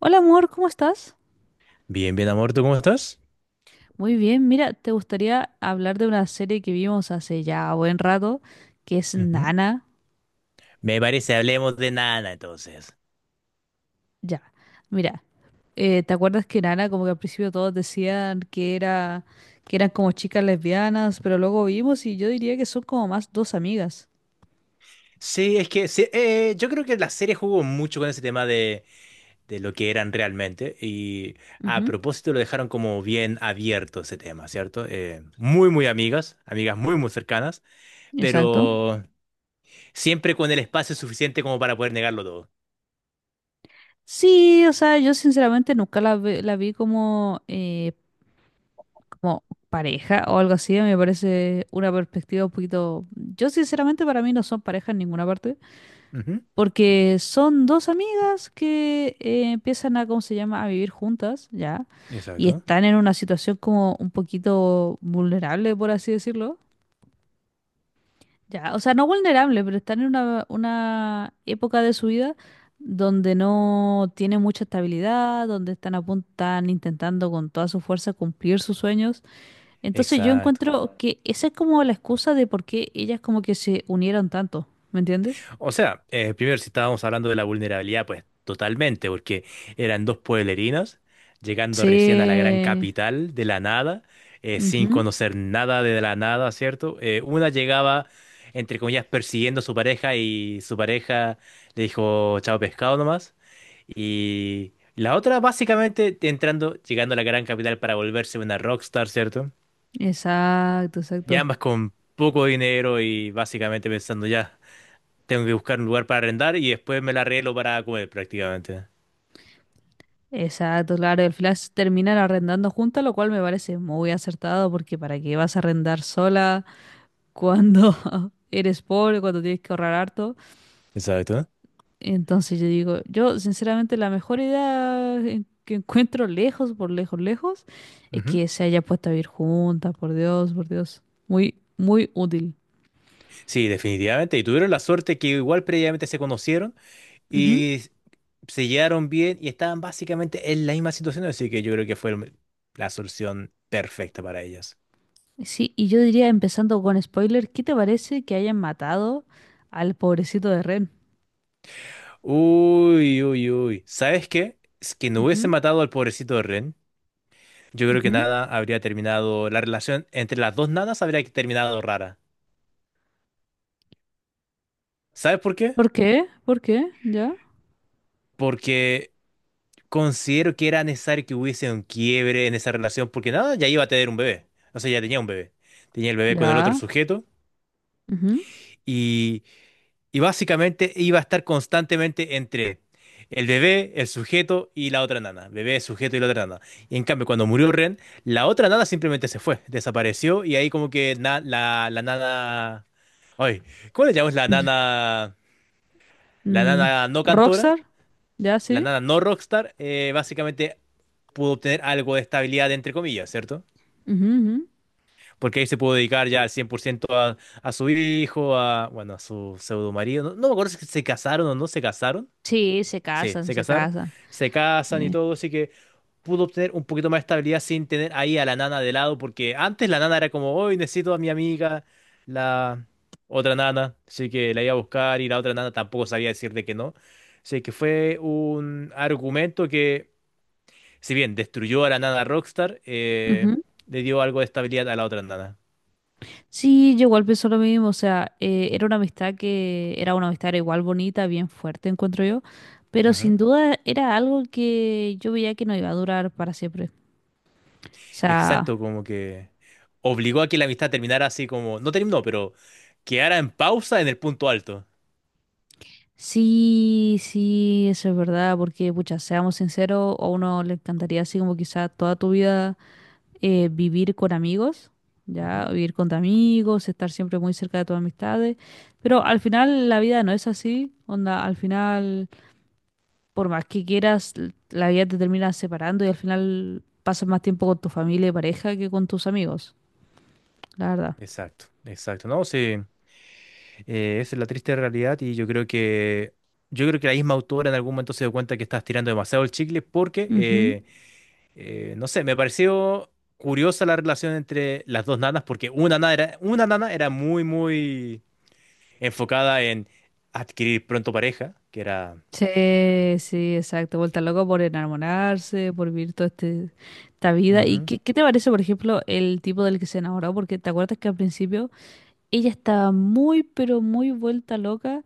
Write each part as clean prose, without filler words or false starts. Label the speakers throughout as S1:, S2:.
S1: Hola amor, ¿cómo estás?
S2: Bien, bien, amor, ¿tú cómo estás?
S1: Muy bien, mira, te gustaría hablar de una serie que vimos hace ya buen rato, que es
S2: Ujú.
S1: Nana.
S2: Me parece, hablemos de Nana entonces.
S1: Ya, mira, ¿te acuerdas que Nana como que al principio todos decían que eran como chicas lesbianas, pero luego vimos y yo diría que son como más dos amigas.
S2: Sí, es que sí, yo creo que la serie jugó mucho con ese tema de lo que eran realmente y a
S1: Ujú.
S2: propósito lo dejaron como bien abierto ese tema, ¿cierto? Muy, muy amigas, amigas muy, muy cercanas,
S1: Exacto.
S2: pero siempre con el espacio suficiente como para poder negarlo todo.
S1: Sí, o sea, yo sinceramente nunca la vi como pareja o algo así, me parece una perspectiva un poquito. Yo sinceramente para mí no son pareja en ninguna parte.
S2: Ujú.
S1: Porque son dos amigas que empiezan a, ¿cómo se llama?, a vivir juntas, ¿ya? Y
S2: Exacto,
S1: están en una situación como un poquito vulnerable, por así decirlo, ¿ya? O sea, no vulnerable, pero están en una época de su vida donde no tienen mucha estabilidad, donde están a punto, están intentando con toda su fuerza cumplir sus sueños. Entonces yo
S2: exacto.
S1: encuentro que esa es como la excusa de por qué ellas como que se unieron tanto, ¿me entiendes?
S2: O sea, primero, si estábamos hablando de la vulnerabilidad, pues totalmente, porque eran dos pueblerinos llegando recién a la gran
S1: Sí.
S2: capital de la nada, sin
S1: Ujú.
S2: conocer nada de la nada, ¿cierto? Una llegaba, entre comillas, persiguiendo a su pareja y su pareja le dijo chao pescado nomás. Y la otra, básicamente, entrando, llegando a la gran capital para volverse una rockstar, ¿cierto?
S1: Exacto,
S2: Y
S1: exacto.
S2: ambas con poco dinero y básicamente pensando ya. Tengo que buscar un lugar para arrendar y después me la arreglo para comer prácticamente.
S1: Exacto, claro. Y al final se terminan arrendando juntas, lo cual me parece muy acertado porque ¿para qué vas a arrendar sola cuando eres pobre, cuando tienes que ahorrar harto?
S2: Exacto.
S1: Entonces yo digo, yo sinceramente la mejor idea que encuentro lejos, por lejos, lejos, es
S2: Ujú.
S1: que se haya puesto a vivir juntas, por Dios, por Dios. Muy, muy útil.
S2: Sí, definitivamente. Y tuvieron la suerte que igual previamente se conocieron
S1: Ujú.
S2: y se llevaron bien y estaban básicamente en la misma situación, así que yo creo que fue la solución perfecta para ellas.
S1: Sí, y yo diría, empezando con spoiler, ¿qué te parece que hayan matado al pobrecito de Ren?
S2: Uy, uy, uy. ¿Sabes qué? Es que no hubiese
S1: Ujú.
S2: matado al pobrecito de Ren. Yo creo que
S1: Ujú.
S2: nada habría terminado, la relación entre las dos nanas habría terminado rara. ¿Sabes por qué?
S1: ¿Por qué? ¿Por qué? ¿Ya?
S2: Porque considero que era necesario que hubiese un quiebre en esa relación porque nada, ya iba a tener un bebé. O sea, ya tenía un bebé. Tenía el bebé con el otro
S1: ¿Ya?
S2: sujeto
S1: Ujú.
S2: y, y básicamente iba a estar constantemente entre el bebé, el sujeto y la otra nana. Bebé, sujeto y la otra nana. Y en cambio, cuando murió Ren, la otra nana simplemente se fue, desapareció y ahí como que la, la nana... Ay, ¿cómo le llamamos la nana? La
S1: Mm,
S2: nana no cantora.
S1: ¿Rockstar? ¿Ya
S2: La
S1: sí?
S2: nada no Rockstar, básicamente pudo obtener algo de estabilidad, entre comillas, ¿cierto?
S1: Ujú, ujú.
S2: Porque ahí se pudo dedicar ya al 100% a su hijo, a, bueno, a su pseudo marido. No, no me acuerdo si se casaron o no se casaron.
S1: Sí, se
S2: Sí,
S1: casan,
S2: se
S1: se
S2: casaron.
S1: casan.
S2: Se casan y
S1: Sí.
S2: todo, así que pudo obtener un poquito más de estabilidad sin tener ahí a la nana de lado, porque antes la nana era como, hoy necesito a mi amiga, la otra nana, así que la iba a buscar y la otra nana tampoco sabía decirle que no. Así que fue un argumento que si bien destruyó a la nana Rockstar,
S1: Ujú.
S2: le dio algo de estabilidad a la otra nana.
S1: Sí, yo igual pienso lo mismo, o sea, era una amistad que era una amistad era igual bonita, bien fuerte, encuentro yo, pero sin
S2: Ujú.
S1: duda era algo que yo veía que no iba a durar para siempre. O sea,
S2: Exacto, como que obligó a que la amistad terminara así como, no terminó, pero quedara en pausa en el punto alto.
S1: sí, sí, eso es verdad, porque, pucha, seamos sinceros, a uno le encantaría así como quizá toda tu vida vivir con amigos,
S2: Ujú.
S1: ya, vivir con tus amigos, estar siempre muy cerca de tus amistades, pero al final la vida no es así, onda, al final, por más que quieras, la vida te termina separando y al final pasas más tiempo con tu familia y pareja que con tus amigos, la verdad.
S2: Exacto, exacto, ¿no? Sí, esa es la triste realidad y yo creo que la misma autora en algún momento se dio cuenta que estás tirando demasiado el chicle porque,
S1: Ujú.
S2: no sé, me pareció curiosa la relación entre las dos nanas porque una nana era muy, muy enfocada en adquirir pronto pareja, que era...
S1: Sí, sí, exacto. Vuelta loco por enamorarse, por vivir toda esta vida. ¿Y
S2: Ujú.
S1: qué te parece, por ejemplo, el tipo del que se enamoró? Porque te acuerdas que al principio ella estaba muy, pero muy vuelta loca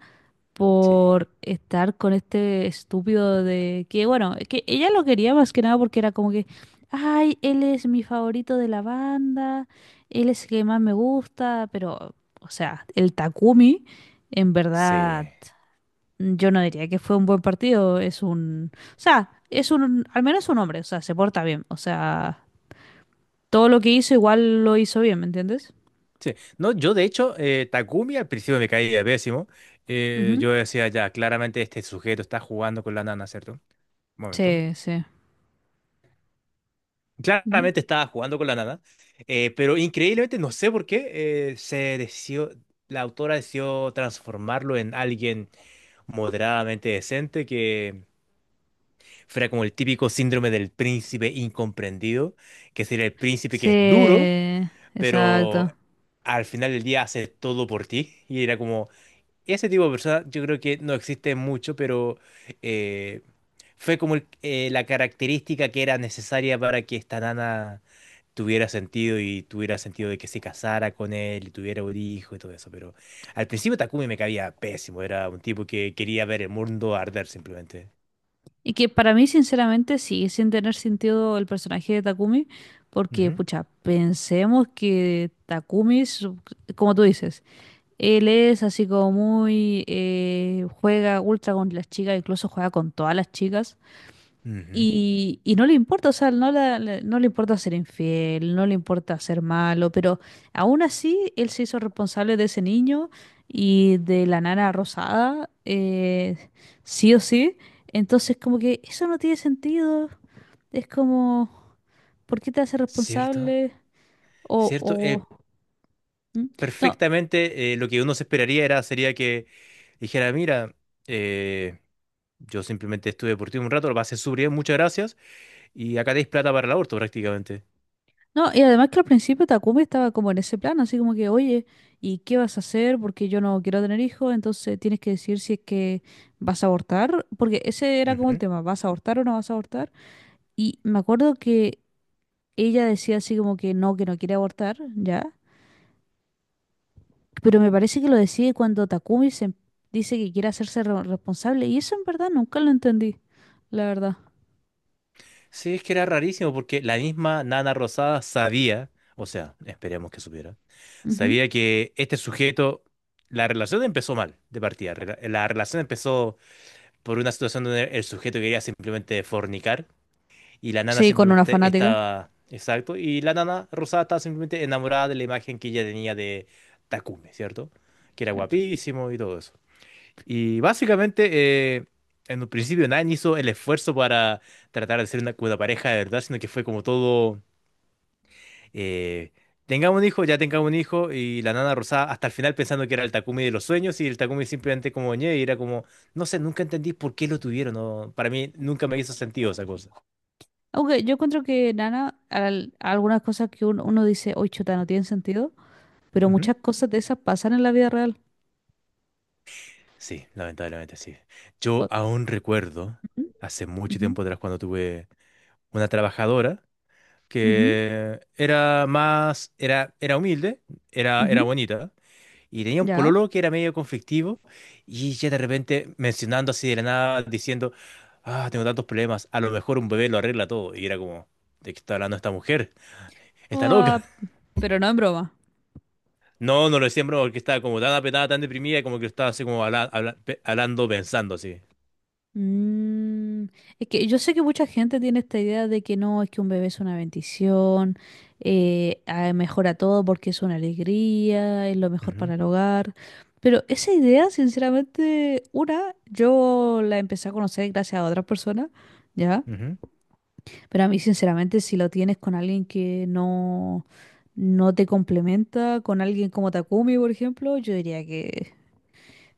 S2: Sí,
S1: por estar con este estúpido de que, bueno, que ella lo quería más que nada porque era como que, ay, él es mi favorito de la banda, él es el que más me gusta, pero, o sea, el Takumi, en verdad,
S2: sí,
S1: yo no diría que fue un buen partido, o sea, es un, al menos un hombre, o sea, se porta bien, o sea, todo lo que hizo igual lo hizo bien, ¿me entiendes?
S2: sí. No, yo de hecho, Takumi al principio me caía pésimo.
S1: Ujú.
S2: Yo decía, ya, claramente este sujeto está jugando con la nana, ¿cierto? Un momento.
S1: Sí, sí. Ujú.
S2: Claramente estaba jugando con la nana, pero increíblemente, no sé por qué, se decidió, la autora decidió transformarlo en alguien moderadamente decente que fuera como el típico síndrome del príncipe incomprendido, que sería el príncipe que
S1: Sí,
S2: es duro, pero
S1: exacto.
S2: al final del día hace todo por ti. Y era como, ese tipo de persona yo creo que no existe mucho, pero eh, fue como la característica que era necesaria para que esta nana tuviera sentido y tuviera sentido de que se casara con él y tuviera un hijo y todo eso. Pero al principio Takumi me caía pésimo, era un tipo que quería ver el mundo arder simplemente.
S1: Y que para mí, sinceramente, sigue sin tener sentido el personaje de Takumi, porque,
S2: Ujú,
S1: pucha, pensemos que Takumi, es, como tú dices, él es así como muy, juega ultra con las chicas, incluso juega con todas las chicas.
S2: ujú.
S1: Y no le importa, o sea, no, no le importa ser infiel, no le importa ser malo, pero aún así él se hizo responsable de ese niño y de la nana rosada, sí o sí. Entonces, como que eso no tiene sentido. Es como, ¿por qué te hace
S2: Cierto,
S1: responsable? O,
S2: cierto.
S1: o, ¿Mm? No,
S2: Perfectamente lo que uno se esperaría era, sería que dijera, mira, eh, yo simplemente estuve por ti un rato, lo pasé súper bien, muchas gracias, y acá tenéis plata para el aborto prácticamente.
S1: no, y además que al principio Takumi estaba como en ese plan, así como que, oye, ¿y qué vas a hacer? Porque yo no quiero tener hijos, entonces tienes que decir si es que vas a abortar, porque ese era como el
S2: Ujú.
S1: tema, ¿vas a abortar o no vas a abortar? Y me acuerdo que ella decía así como que no quiere abortar, ¿ya? Pero me parece que lo decide cuando Takumi se dice que quiere hacerse responsable, y eso en verdad nunca lo entendí, la verdad.
S2: Sí, es que era rarísimo porque la misma Nana Rosada sabía, o sea, esperemos que supiera,
S1: Ujú.
S2: sabía que este sujeto, la relación empezó mal de partida, la relación empezó por una situación donde el sujeto quería simplemente fornicar. Y la nana
S1: Sí, con una
S2: simplemente
S1: fanática.
S2: estaba, exacto, y la nana rosada estaba simplemente enamorada de la imagen que ella tenía de Takumi, ¿cierto? Que era guapísimo y todo eso. Y básicamente, en un principio nadie hizo el esfuerzo para tratar de ser una pareja de verdad, sino que fue como todo, eh, tengamos un hijo, ya tengamos un hijo, y la nana rosada hasta el final pensando que era el Takumi de los sueños, y el Takumi simplemente como ñe, y era como, no sé, nunca entendí por qué lo tuvieron, no, para mí nunca me hizo sentido esa cosa.
S1: Aunque yo encuentro que Nana, algunas cosas que uno, uno dice, oye, chuta, no tienen sentido, pero
S2: Ujú.
S1: muchas cosas de esas pasan en la vida real.
S2: Sí, lamentablemente sí. Yo
S1: O-
S2: aún recuerdo,
S1: ujú,
S2: hace mucho
S1: ujú,
S2: tiempo atrás, cuando tuve una trabajadora
S1: ujú,
S2: que era más, era humilde, era
S1: ujú,
S2: bonita, y tenía un
S1: ya.
S2: pololo que era medio conflictivo, y ella de repente mencionando así de la nada, diciendo, ah, tengo tantos problemas, a lo mejor un bebé lo arregla todo, y era como, ¿de qué está hablando esta mujer?
S1: O,
S2: Está
S1: ah,
S2: loca.
S1: pero no en broma.
S2: No, no lo decía en broma, porque estaba como tan apretada, tan deprimida, como que estaba así como hablando, pensando así.
S1: Mm, es que yo sé que mucha gente tiene esta idea de que no, es que un bebé es una bendición, mejora todo porque es una alegría, es lo mejor
S2: Ujú,
S1: para el hogar. Pero esa idea, sinceramente, una, yo la empecé a conocer gracias a otras personas, ¿ya?
S2: ujú.
S1: Pero a mí, sinceramente, si lo tienes con alguien que no te complementa, con alguien como Takumi, por ejemplo, yo diría que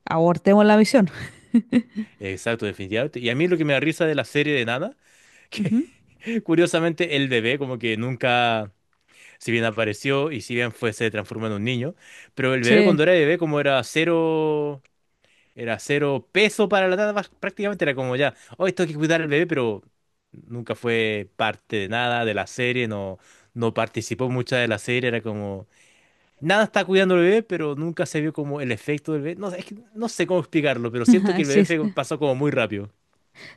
S1: abortemos la misión.
S2: Exacto, definitivamente. Y a mí lo que me da risa de la serie de Nana, que
S1: Ujú.
S2: curiosamente el bebé como que nunca, si bien apareció y si bien fue, se transformó en un niño, pero el bebé
S1: Sí,
S2: cuando era bebé como era cero peso para la Nana, prácticamente era como ya, hoy esto hay que cuidar al bebé, pero nunca fue parte de nada de la serie, no, no participó mucha de la serie, era como, nada está cuidando al bebé, pero nunca se vio como el efecto del bebé. No, es que no sé cómo explicarlo, pero siento que
S1: sí, sí.
S2: pasó como muy rápido.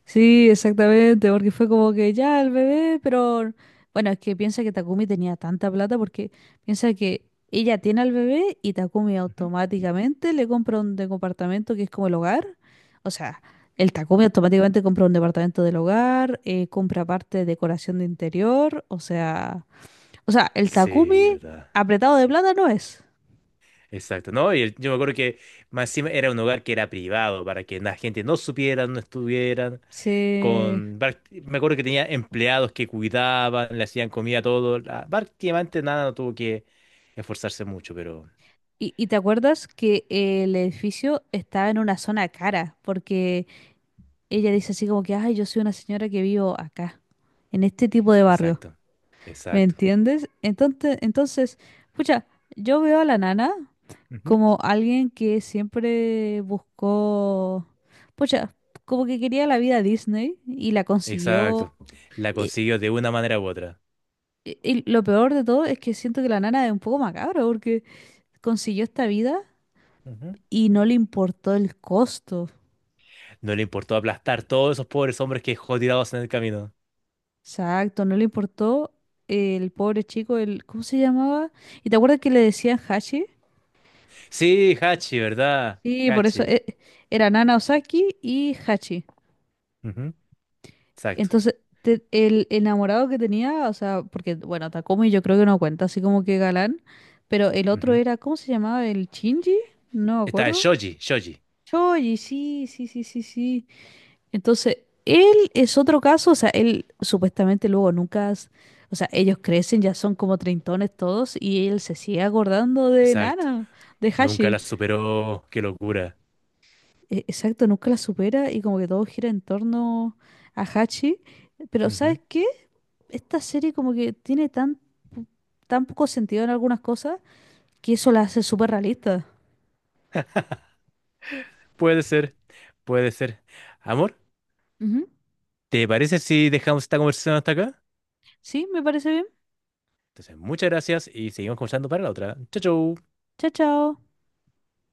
S1: Sí, exactamente, porque fue como que ya el bebé, pero bueno, es que piensa que Takumi tenía tanta plata porque piensa que ella tiene al bebé y Takumi automáticamente le compra un departamento que es como el hogar. O sea, el Takumi automáticamente compra un departamento del hogar, compra parte de decoración de interior, o sea, el
S2: Sí,
S1: Takumi
S2: ¿verdad?
S1: apretado de plata no es.
S2: Exacto, ¿no? Y yo me acuerdo que más encima era un hogar que era privado para que la gente no supiera, no estuvieran
S1: Sí.
S2: con... Me acuerdo que tenía empleados que cuidaban, le hacían comida, todo. Prácticamente nada, no tuvo que esforzarse mucho, pero...
S1: ¿Y te acuerdas que el edificio estaba en una zona cara? Porque ella dice así como que, ay, yo soy una señora que vivo acá, en este tipo de barrio.
S2: Exacto,
S1: ¿Me
S2: exacto.
S1: entiendes? Entonces, pucha, yo veo a la nana
S2: Ujú.
S1: como alguien que siempre buscó, pucha, como que quería la vida Disney y la consiguió.
S2: Exacto. La
S1: Y,
S2: consiguió de una manera u otra.
S1: y lo peor de todo es que siento que la nana es un poco macabra porque consiguió esta vida
S2: Ujú.
S1: y no le importó el costo.
S2: No le importó aplastar todos esos pobres hombres que dejó tirados en el camino.
S1: Exacto, no le importó el pobre chico, el, ¿cómo se llamaba? ¿Y te acuerdas que le decían Hachi?
S2: Sí, Hachi, ¿verdad?
S1: Sí, por eso
S2: Hachi.
S1: era Nana Osaki y Hachi.
S2: Ujú. Exacto.
S1: Entonces, el enamorado que tenía, o sea, porque, bueno, Takumi yo creo que no cuenta, así como que galán, pero el otro
S2: Ujú.
S1: era, ¿cómo se llamaba? ¿El Shinji? No me
S2: Está el
S1: acuerdo.
S2: Shoji, Shoji.
S1: Choji, sí, sí, sí, sí, sí. Entonces, él es otro caso, o sea, él supuestamente luego nunca, o sea, ellos crecen, ya son como treintones todos y él se sigue acordando de
S2: Exacto.
S1: Nana, de
S2: Nunca la
S1: Hashi.
S2: superó. Qué locura.
S1: Exacto, nunca la supera y como que todo gira en torno a Hachi. Pero
S2: Ujú.
S1: ¿sabes qué? Esta serie como que tiene tan, po- tan poco sentido en algunas cosas que eso la hace súper realista.
S2: Puede ser, puede ser. Amor,
S1: Ujú.
S2: ¿te parece si dejamos esta conversación hasta acá?
S1: Sí, me parece bien.
S2: Entonces, muchas gracias y seguimos conversando para la otra. Chau, chau.
S1: Chao, chao.